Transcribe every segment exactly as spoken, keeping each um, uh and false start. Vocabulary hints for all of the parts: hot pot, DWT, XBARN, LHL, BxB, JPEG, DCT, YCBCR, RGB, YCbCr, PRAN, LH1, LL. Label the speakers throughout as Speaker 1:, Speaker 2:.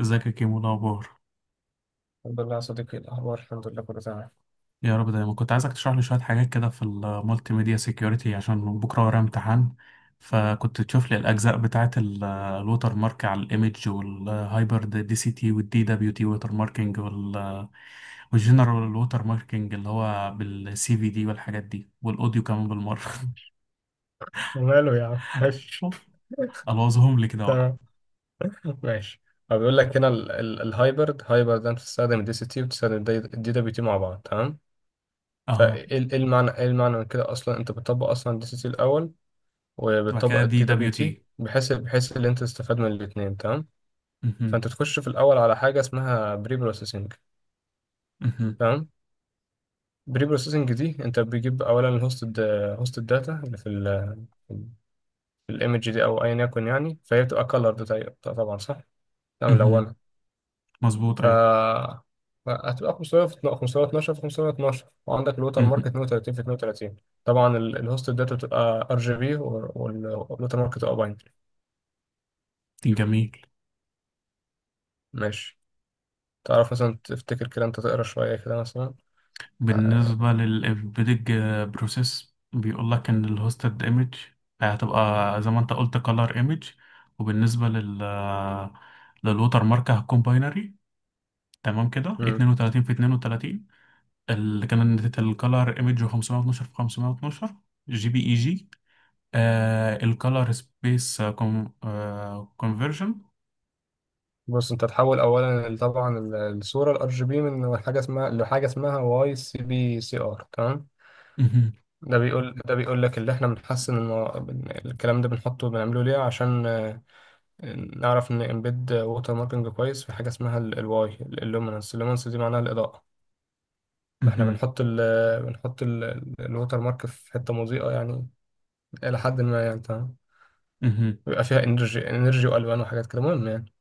Speaker 1: ازيك يا كيمو؟ إيه الاخبار؟
Speaker 2: الحمد لله يا صديقي، إيه الأخبار؟ الحمد لله، كله تمام.
Speaker 1: يا رب دايما. كنت عايزك تشرح لي شويه حاجات كده في المالتي ميديا سيكيورتي عشان بكره ورايا امتحان. فكنت تشوف لي الاجزاء بتاعه ال- الوتر مارك على الايمج والهايبر دي سي تي والدي دبليو تي ووتر ماركينج وال- والجنرال ووتر ماركينج اللي هو بالسي في دي والحاجات دي والاوديو كمان بالمره.
Speaker 2: وماله يا عم؟ ماشي.
Speaker 1: الوظهم لي كده بقى.
Speaker 2: تمام، ماشي. هو بيقول لك هنا ال- ال- الهايبرد هايبرد ده بتستخدم الدي سي تي، وبتستخدم الدي دبليو تي مع بعض. تمام.
Speaker 1: اها،
Speaker 2: فايه ال- إيه المعنى، ايه المعنى من كده اصلا؟ انت بتطبق اصلا الدي سي تي الاول،
Speaker 1: وبعد
Speaker 2: وبالطبق
Speaker 1: كده دي
Speaker 2: الدي دبليو
Speaker 1: دبليو
Speaker 2: تي،
Speaker 1: تي.
Speaker 2: بحيث بحيث ان انت تستفاد من الاثنين. تمام.
Speaker 1: مهم.
Speaker 2: فانت تخش في الاول على حاجه اسمها بري بروسيسنج.
Speaker 1: مهم.
Speaker 2: تمام. بري بروسيسنج دي، انت بتجيب اولا الهوست، هوست الداتا اللي في ال في الايمج دي، او ايا يكن يعني. فهي بتبقى كلر. طبعا، صح. تمام،
Speaker 1: مهم.
Speaker 2: ملونه.
Speaker 1: مظبوط،
Speaker 2: ف،
Speaker 1: ايوه.
Speaker 2: هتبقى خمسمية في خمسمية واتناشر في خمسمية واتناشر، وعندك الوتر مارك
Speaker 1: مهم.
Speaker 2: اتنين وتلاتين في اتنين وتلاتين. طبعا، ال- الهوست الداتا بتبقى ار جي بي، والوتر مارك بتبقى باينري.
Speaker 1: جميل.
Speaker 2: ماشي. تعرف مثلا تفتكر كده؟ انت تقرا شويه كده مثلا. آه.
Speaker 1: بالنسبة للإمبيدج بروسيس، بيقول لك إن الهوستد إيمج هتبقى زي ما أنت قلت كلر إيمج، وبالنسبة لل للوتر مارك هتكون باينري. تمام كده
Speaker 2: مم.
Speaker 1: اتنين وتلاتين في اثنان وثلاثون، اللي كانت الكلر إيمج خمسمية واتناشر في خمسمية واتناشر جي بي إي جي. الكلر سبيس كونفرجن.
Speaker 2: بص، انت تحول اولا ال- طبعا ال- الصوره الار جي بي من حاجه اسمها لحاجه اسمها واي سي بي سي ار. تمام. ده بيقول ده بيقول لك اللي احنا بنحسن المو... بن- الكلام ده بنحطه، بنعمله ليه؟ عشان آه، نعرف ان امبيد ووتر ماركينج كويس في حاجه اسمها الواي اللومينس. اللومينس دي معناها الاضاءه. فاحنا بنحط ال بنحط الووتر مارك في حته مضيئه، يعني الى حد ما. يعني تمام. بيبقى فيها انرجي، انرجي والوان وحاجات كده. المهم يعني.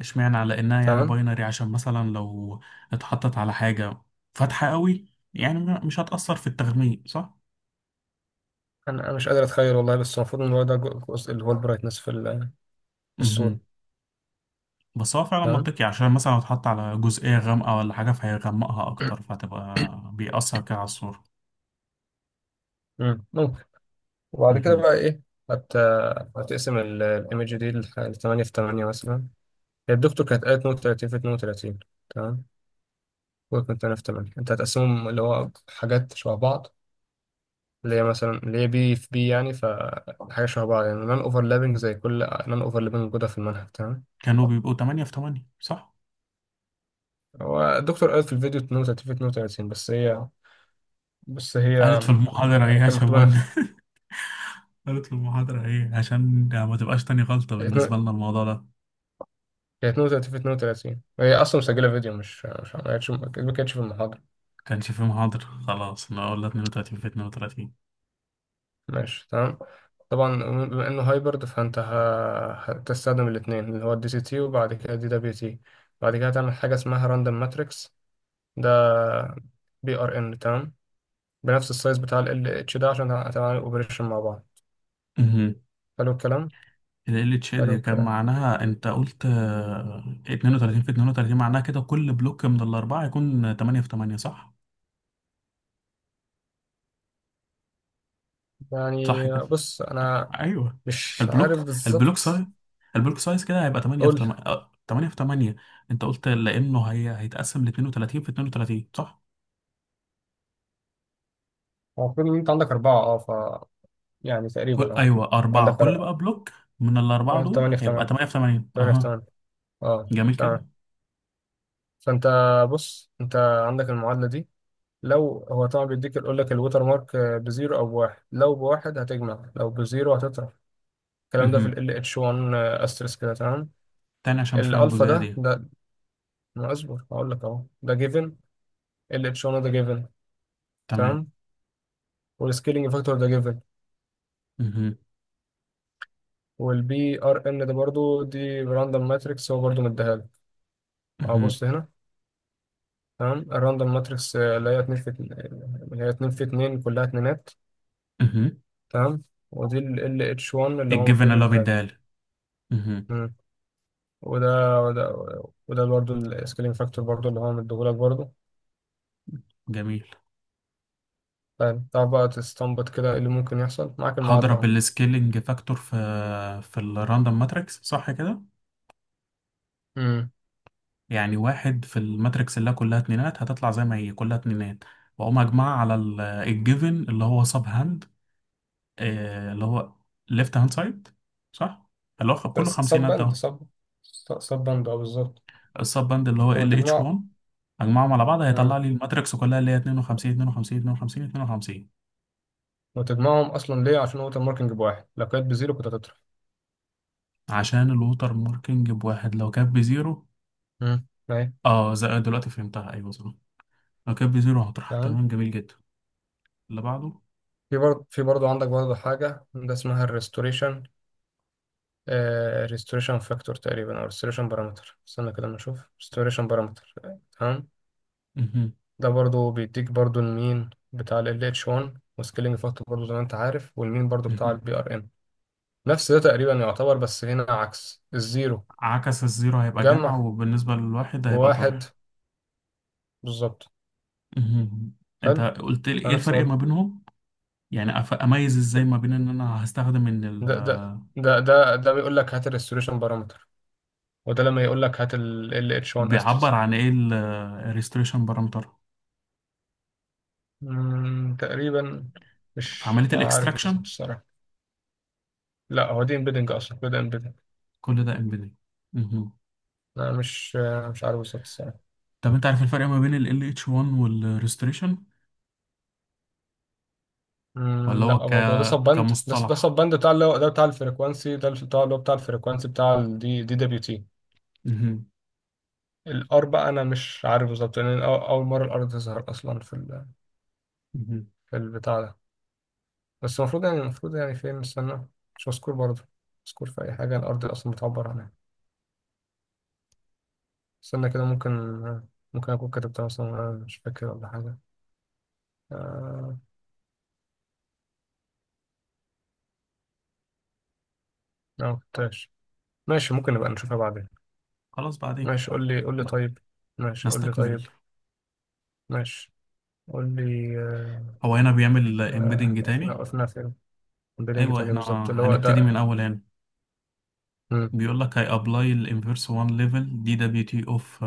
Speaker 1: اشمعنى، على انها يعني
Speaker 2: تمام.
Speaker 1: باينري عشان مثلا لو اتحطت على حاجة فاتحة قوي، يعني م- مش هتأثر في التغميق صح؟
Speaker 2: انا أنا مش قادر اتخيل والله، بس المفروض ان هو ده جزء اللي هو البرايتنس في ال- في الصوره.
Speaker 1: امم. بس هو فعلا
Speaker 2: تمام.
Speaker 1: منطقي، عشان مثلا لو اتحط على جزئية غامقة ولا حاجة فهيغمقها أكتر، فهتبقى بيأثر كده على الصورة.
Speaker 2: مم، ممكن. وبعد كده
Speaker 1: امم.
Speaker 2: بقى ايه؟ هت... هتقسم الايمج دي ل ثمانية في ثمانية مثلا. هي الدكتور كانت قالت اتنين وتلاتين في اتنين وتلاتين. تمام. وكنت تمانية في ثمانية، انت هتقسمهم، اللي هو حاجات شبه بعض، اللي هي مثلا اللي هي بي في بي يعني، فحاجه شبه بعض يعني. نون اوفرلابنج. زي كل، نون اوفرلابنج موجوده في المنهج. تمام.
Speaker 1: كانوا بيبقوا تمانية في تمانية صح؟
Speaker 2: هو الدكتور قالت في الفيديو اتنين وتلاتين في اتنين وتلاتين. بس هي بس
Speaker 1: قالت
Speaker 2: هي
Speaker 1: في المحاضرة
Speaker 2: يعني
Speaker 1: ايه
Speaker 2: كان
Speaker 1: عشان
Speaker 2: مكتوب
Speaker 1: ولا قالت في المحاضرة ايه، عشان ما تبقاش تاني غلطة بالنسبة
Speaker 2: اتنين-
Speaker 1: لنا الموضوع ده.
Speaker 2: كانت اتنين وتلاتين في اتنين وتلاتين. هي اصلا مسجله فيديو، مش مش ما كانتش ما كانتش في المحاضره.
Speaker 1: كانش في محاضرة، خلاص انا قلنا اتنين وتلاتين في اتنين وتلاتين.
Speaker 2: ماشي، تمام، طبعا. بما انه هايبرد، فانت ه- هتستخدم الاثنين، اللي هو الدي سي تي، وبعد كده دي دبليو تي. بعد كده تعمل حاجه اسمها راندوم ماتريكس. ده بي ار ان. تمام. بنفس السايز بتاع ال اتش ده، عشان هتعمل اوبريشن مع بعض. حلو الكلام.
Speaker 1: ال إل إتش إل
Speaker 2: حلو
Speaker 1: هي كان
Speaker 2: الكلام.
Speaker 1: معناها انت قلت آه، اتنين وتلاتين في اتنين وتلاتين، معناها كده كل بلوك من الاربعه يكون تمانية في تمانية صح؟ صح
Speaker 2: يعني
Speaker 1: كده؟
Speaker 2: بص، انا
Speaker 1: ايوه،
Speaker 2: مش عارف
Speaker 1: البلوك البلوك
Speaker 2: بالظبط.
Speaker 1: سايز. البلوك سايز كده هيبقى تمانية في
Speaker 2: قول.
Speaker 1: تمانية. تمانية في تمانية. انت قلت لانه هي هيتقسم ل اتنين وتلاتين في اتنين وتلاتين صح؟
Speaker 2: هو المفروض ان انت عندك اربعه، اه، ف، يعني تقريبا
Speaker 1: كل...
Speaker 2: اه،
Speaker 1: ايوه
Speaker 2: عندك
Speaker 1: اربعه. كل بقى بلوك من الاربعه
Speaker 2: اه
Speaker 1: دول
Speaker 2: تمانية في
Speaker 1: هيبقى
Speaker 2: تمانية
Speaker 1: تمانية في تمانية.
Speaker 2: تمانية في
Speaker 1: اها.
Speaker 2: تمانية، اه،
Speaker 1: جميل كده؟
Speaker 2: تمام. فانت بص، انت عندك المعادله دي. لو هو طبعا بيديك، يقول لك الوتر مارك آه، بزيرو او بواحد. لو بواحد هتجمع، لو بزيرو هتطرح. الكلام ده في
Speaker 1: اها.
Speaker 2: ال LH1 آه، asterisk كده. تمام.
Speaker 1: تاني عشان مش فاهم
Speaker 2: الالفا
Speaker 1: الجزئيه
Speaker 2: ده
Speaker 1: دي.
Speaker 2: ده ما اصبر، هقول لك اهو. ده جيفن. ال LH1 ده جيفن.
Speaker 1: تمام.
Speaker 2: تمام. والسكيلينج فاكتور ده جيفن.
Speaker 1: اها.
Speaker 2: والبي ار ان ده برضو، دي راندوم ماتريكس، هو برضو مديها لك. اهو
Speaker 1: اها.
Speaker 2: بص هنا. تمام. الراندوم ماتريكس اللي هي اتنين في اتنين- اللي هي اتنين في اتنين، كلها اتنينات.
Speaker 1: اها.
Speaker 2: تمام. ودي ال LH1 اللي هو
Speaker 1: الجيفن
Speaker 2: المفروض
Speaker 1: اللي هو
Speaker 2: يديها
Speaker 1: بيديها
Speaker 2: لك.
Speaker 1: لي. اها.
Speaker 2: مم. وده وده وده برضه السكيلينج فاكتور برضه، اللي هو مديهولك برضه.
Speaker 1: جميل.
Speaker 2: فاهم؟ تعرف بقى تستنبط كده ايه اللي ممكن يحصل معاك؟ المعادلة
Speaker 1: هضرب
Speaker 2: اهو.
Speaker 1: السكيلنج فاكتور في في الراندوم ماتريكس صح كده؟
Speaker 2: مم.
Speaker 1: يعني واحد في الماتريكس اللي كلها اتنينات هتطلع زي ما هي كلها اتنينات، واقوم اجمعها على الجيفن اللي هو سب هاند، اللي هو ليفت هاند سايد صح، اللي هو خ- كله
Speaker 2: بس سب
Speaker 1: خمسينات
Speaker 2: بند،
Speaker 1: دوت.
Speaker 2: سب سب بند، اه، بالظبط.
Speaker 1: السب هاند اللي هو ال اتش
Speaker 2: وتجمع.
Speaker 1: واحد. اجمعهم على بعض هيطلع
Speaker 2: مم.
Speaker 1: لي الماتريكس كلها اللي هي اتنين وخمسين اتنين وخمسين اتنين وخمسين اتنين وخمسين.
Speaker 2: وتجمعهم اصلا ليه؟ عشان هو الماركينج بواحد، لو كانت بزيرو كنت هتطرح.
Speaker 1: عشان الوتر ماركنج بواحد لو كانت بزيرو.
Speaker 2: مم، اهي،
Speaker 1: اه زي دلوقتي فهمتها، ايوه صح. لو كانت بزيرو هتروح.
Speaker 2: تمام.
Speaker 1: تمام جميل جدا. اللي بعده.
Speaker 2: في برضه في برضه عندك برضه حاجة، ده اسمها الريستوريشن. ريستوريشن فاكتور تقريبا، او ريستوريشن بارامتر. استنى كده ما نشوف. ريستوريشن بارامتر. تمام.
Speaker 1: مهم.
Speaker 2: ده برضو بيديك برضو المين بتاع ال LH1، وسكيلينج فاكتور برضو زي ما انت عارف، والمين برضو بتاع
Speaker 1: مهم.
Speaker 2: البي ار ام. نفس ده تقريبا يعتبر، بس هنا عكس الزيرو.
Speaker 1: عكس الزيرو هيبقى جمع،
Speaker 2: جمع،
Speaker 1: وبالنسبة للواحد هيبقى
Speaker 2: وواحد.
Speaker 1: طرح.
Speaker 2: بالظبط.
Speaker 1: مهم. انت
Speaker 2: حلو.
Speaker 1: قلت لي ايه
Speaker 2: على نفس
Speaker 1: الفرق
Speaker 2: الوضع.
Speaker 1: ما بينهم؟ يعني أف- اميز ازاي
Speaker 2: ال-
Speaker 1: ما بين ان انا هستخدم ان ال.
Speaker 2: ده ده ده ده ده بيقول لك هات الريستوريشن بارامتر. وده لما يقول لك هات ال LH1
Speaker 1: بيعبر
Speaker 2: استرسك.
Speaker 1: عن ايه الريستريشن بارامتر
Speaker 2: مم، تقريبا.
Speaker 1: في
Speaker 2: مش
Speaker 1: عملية
Speaker 2: عارف
Speaker 1: الاكستراكشن؟
Speaker 2: بالظبط. لا، هو دي امبيدنج اصلا كده، امبيدنج.
Speaker 1: كل ده امبيدنج. مهم.
Speaker 2: انا مش مش عارف بالظبط الصراحه.
Speaker 1: طب انت عارف الفرق ما بين ال إل إتش ون والريستريشن، ولا
Speaker 2: أمم،
Speaker 1: هو
Speaker 2: لا
Speaker 1: ك...
Speaker 2: برضه هو ده سب باند. ده ده سب
Speaker 1: كمصطلح؟
Speaker 2: باند بتاع اللي هو ده بتاع الفريكوانسي، ده بتاع اللي هو بتاع الفريكوانسي بتاع الدي دي دبليو تي.
Speaker 1: مهم.
Speaker 2: الار بقى انا مش عارف بالظبط، لان أنا أو- اول مره الار تظهر اصلا في ال...
Speaker 1: مهم.
Speaker 2: في البتاع ده. بس المفروض يعني، المفروض يعني فين؟ استنى. مش مذكور برضه. مذكور في اي حاجه الار دي اصلا بتعبر عنها؟ استنى كده. ممكن ممكن اكون كتبتها مثلا وأنا مش فاكر ولا حاجه. آه... لا، ما كتبتهاش. ماشي، ممكن نبقى نشوفها بعدين.
Speaker 1: خلاص بعدين.
Speaker 2: ماشي، قول لي قول لي طيب. ماشي، قول لي
Speaker 1: نستكمل.
Speaker 2: طيب. ماشي، قول لي. آه،
Speaker 1: هو هنا بيعمل
Speaker 2: آه،
Speaker 1: امبيدنج
Speaker 2: وقفنا،
Speaker 1: تاني.
Speaker 2: وقفنا فين؟ بيلينج
Speaker 1: ايوه،
Speaker 2: تاني
Speaker 1: احنا
Speaker 2: بالظبط، اللي هو
Speaker 1: هنبتدي من
Speaker 2: ده.
Speaker 1: الاول هنا.
Speaker 2: مم.
Speaker 1: بيقول لك هي ابلاي الانفيرس واحد ليفل دي دبليو تي اوف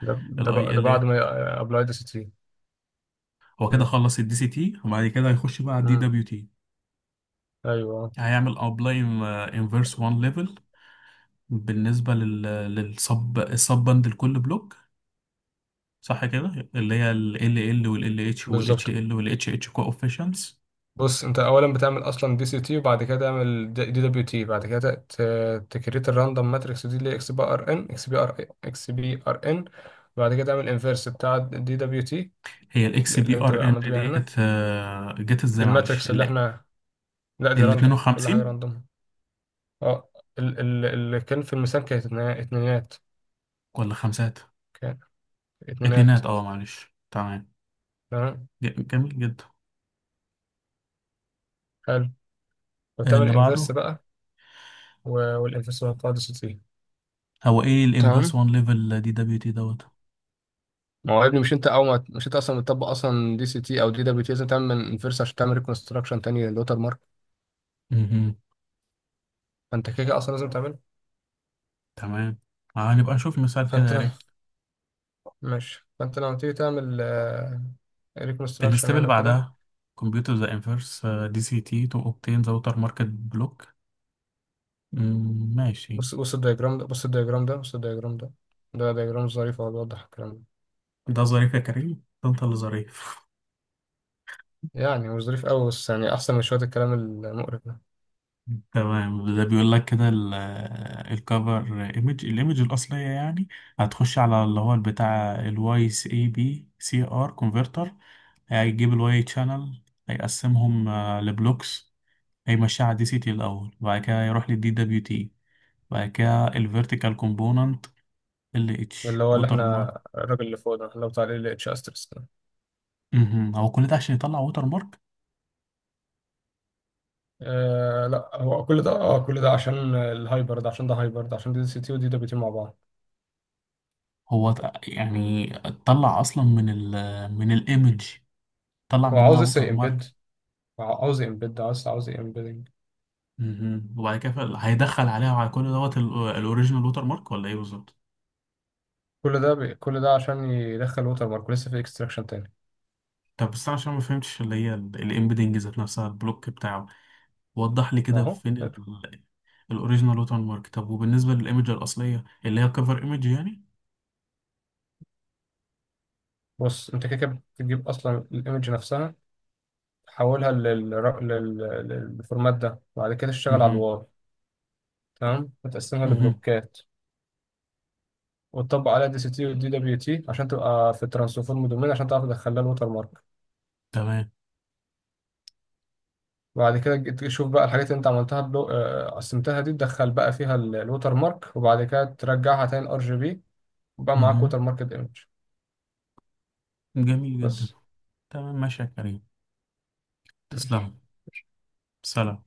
Speaker 2: ده ده بق-
Speaker 1: الاي
Speaker 2: ده
Speaker 1: ال
Speaker 2: بعد
Speaker 1: ال.
Speaker 2: ما ابلاي دي سي تي.
Speaker 1: هو كده
Speaker 2: مم.
Speaker 1: خلص الدي سي تي وبعد كده هيخش بقى على الدي
Speaker 2: مم.
Speaker 1: دبليو تي.
Speaker 2: ايوه، آه،
Speaker 1: هيعمل ابلاي انفيرس ون ليفل بالنسبه لل للسب السب باند لكل بلوك صح كده؟ اللي هي ال ال ال وال ال اتش وال اتش
Speaker 2: بالظبط.
Speaker 1: ال وال اتش اتش كوفيشنتس.
Speaker 2: بص، انت اولا بتعمل اصلا دي سي تي، وبعد كده تعمل دي دبليو تي. بعد كده ت- تكريت الراندوم ماتريكس دي، اللي هي اكس بي ار ان، اكس بي ار اكس بي ار ان. وبعد كده تعمل انفيرس بتاع دي دبليو تي،
Speaker 1: هي الاكس بي
Speaker 2: اللي انت
Speaker 1: ار
Speaker 2: بقى
Speaker 1: ان
Speaker 2: عملت بيها هنا.
Speaker 1: ديت آه، جت
Speaker 2: دي
Speaker 1: ازاي؟ معلش،
Speaker 2: الماتريكس اللي
Speaker 1: ال
Speaker 2: احنا، لا دي
Speaker 1: ال
Speaker 2: راندوم. كل حاجه
Speaker 1: اتنين وخمسين
Speaker 2: راندوم. اه، ال- ال- اللي كان في الميزان كانت اتنا- اتنينات.
Speaker 1: ولا خمسات؟
Speaker 2: كان اتنينات.
Speaker 1: اتنينات اه، معلش تمام.
Speaker 2: تمام.
Speaker 1: ج- جميل جدا.
Speaker 2: حلو.
Speaker 1: آه،
Speaker 2: وتعمل
Speaker 1: اللي
Speaker 2: انفرس
Speaker 1: بعده.
Speaker 2: بقى. و- والانفرس هو قاعدة سي تي.
Speaker 1: هو ايه الانفرس
Speaker 2: تمام.
Speaker 1: ون ليفل دي دبليو تي دوت؟
Speaker 2: ما هو يا ابني، مش انت او ما مش انت اصلا بتطبق اصلا دي سي تي او دي دبليو تي؟ لازم تعمل انفرس عشان تعمل ريكونستراكشن تاني للوتر مارك.
Speaker 1: مهم.
Speaker 2: فانت كده كده اصلا لازم تعمله.
Speaker 1: تمام. آه، هنبقى نشوف مثال كده
Speaker 2: فانت
Speaker 1: يا
Speaker 2: لو
Speaker 1: ريت.
Speaker 2: ماشي فانت لما تيجي تعمل ريكونستراكشن
Speaker 1: الستيب
Speaker 2: يعني،
Speaker 1: اللي
Speaker 2: وكده.
Speaker 1: بعدها. كمبيوتر ذا انفرس دي سي تي تو اوبتين ذا ووتر ماركت بلوك. ماشي.
Speaker 2: بص بص الدياجرام ده. بص الدياجرام ده. بص الدياجرام ده. ده دياجرام ظريف، هو بيوضح الكلام ده.
Speaker 1: ده ظريف يا كريم، ده انت اللي ظريف.
Speaker 2: يعني مش ظريف قوي، بس يعني احسن من شويه الكلام المقرف ده.
Speaker 1: تمام. ده بيقول لك كده ال- الكفر ايمج، الايمج الاصليه يعني، هتخش على اللي هو البتاع الواي اي بي سي ار كونفرتر. هيجيب الواي شانل، هيقسمهم آه، لبلوكس، هيمشيها على دي سي تي الاول وبعد كده يروح للدي دبليو تي، وبعد كده الفيرتيكال كومبوننت، ال اتش
Speaker 2: اللي هو اللي
Speaker 1: ووتر
Speaker 2: احنا،
Speaker 1: مارك.
Speaker 2: الراجل اللي فوق ده، احنا بتاع ال اتش استرس ده.
Speaker 1: مهم. هو كل ده عشان يطلع ووتر مارك؟
Speaker 2: آه لا، هو كل ده، اه كل ده عشان الهايبر ده، عشان ده هايبر، ده عشان دي سي تي ودي دبليو تي مع بعض.
Speaker 1: هو ت- يعني طلع اصلا من ال من الايمج، طلع
Speaker 2: هو
Speaker 1: منها
Speaker 2: عاوز لسه
Speaker 1: ووتر
Speaker 2: امبيد.
Speaker 1: مارك؟
Speaker 2: عاوز امبيد عاوز عاوز امبيدنج.
Speaker 1: مهم. وبعد كده فال- هيدخل عليها وعلى كل دوت الاوريجينال ووتر مارك، ولا ايه بالظبط؟
Speaker 2: كل ده بي... كل ده عشان يدخل ووتر مارك، لسه في اكستراكشن تاني.
Speaker 1: طب بس انا عشان ما فهمتش اللي هي الامبيدنج ذات نفسها، البلوك بتاعه وضح لي كده
Speaker 2: اهو
Speaker 1: فين الاوريجينال ووتر مارك. طب وبالنسبه للايمج الاصليه اللي هي كفر ايمج يعني.
Speaker 2: بص. انت كده كده بتجيب اصلا الايمج نفسها، تحولها لل... لل... للفورمات ده، وبعد كده تشتغل على
Speaker 1: مهم.
Speaker 2: الواي. تمام. وتقسمها
Speaker 1: مهم.
Speaker 2: لبلوكات، وتطبق عليها دي سي تي والدي دبليو تي، عشان تبقى في الترانسفورم دومين، عشان تعرف تدخلها الوتر مارك.
Speaker 1: تمام.
Speaker 2: بعد كده جيت تشوف بقى الحاجات اللي انت عملتها بلو... آه، قسمتها دي، تدخل بقى فيها ال- الوتر مارك، وبعد كده ترجعها تاني الار جي بي. وبقى معاك ووتر
Speaker 1: مهم.
Speaker 2: ماركت ايمج.
Speaker 1: جميل جدا.
Speaker 2: بس.
Speaker 1: تمام ماشي يا كريم.
Speaker 2: ماشي.
Speaker 1: تسلم. سلام.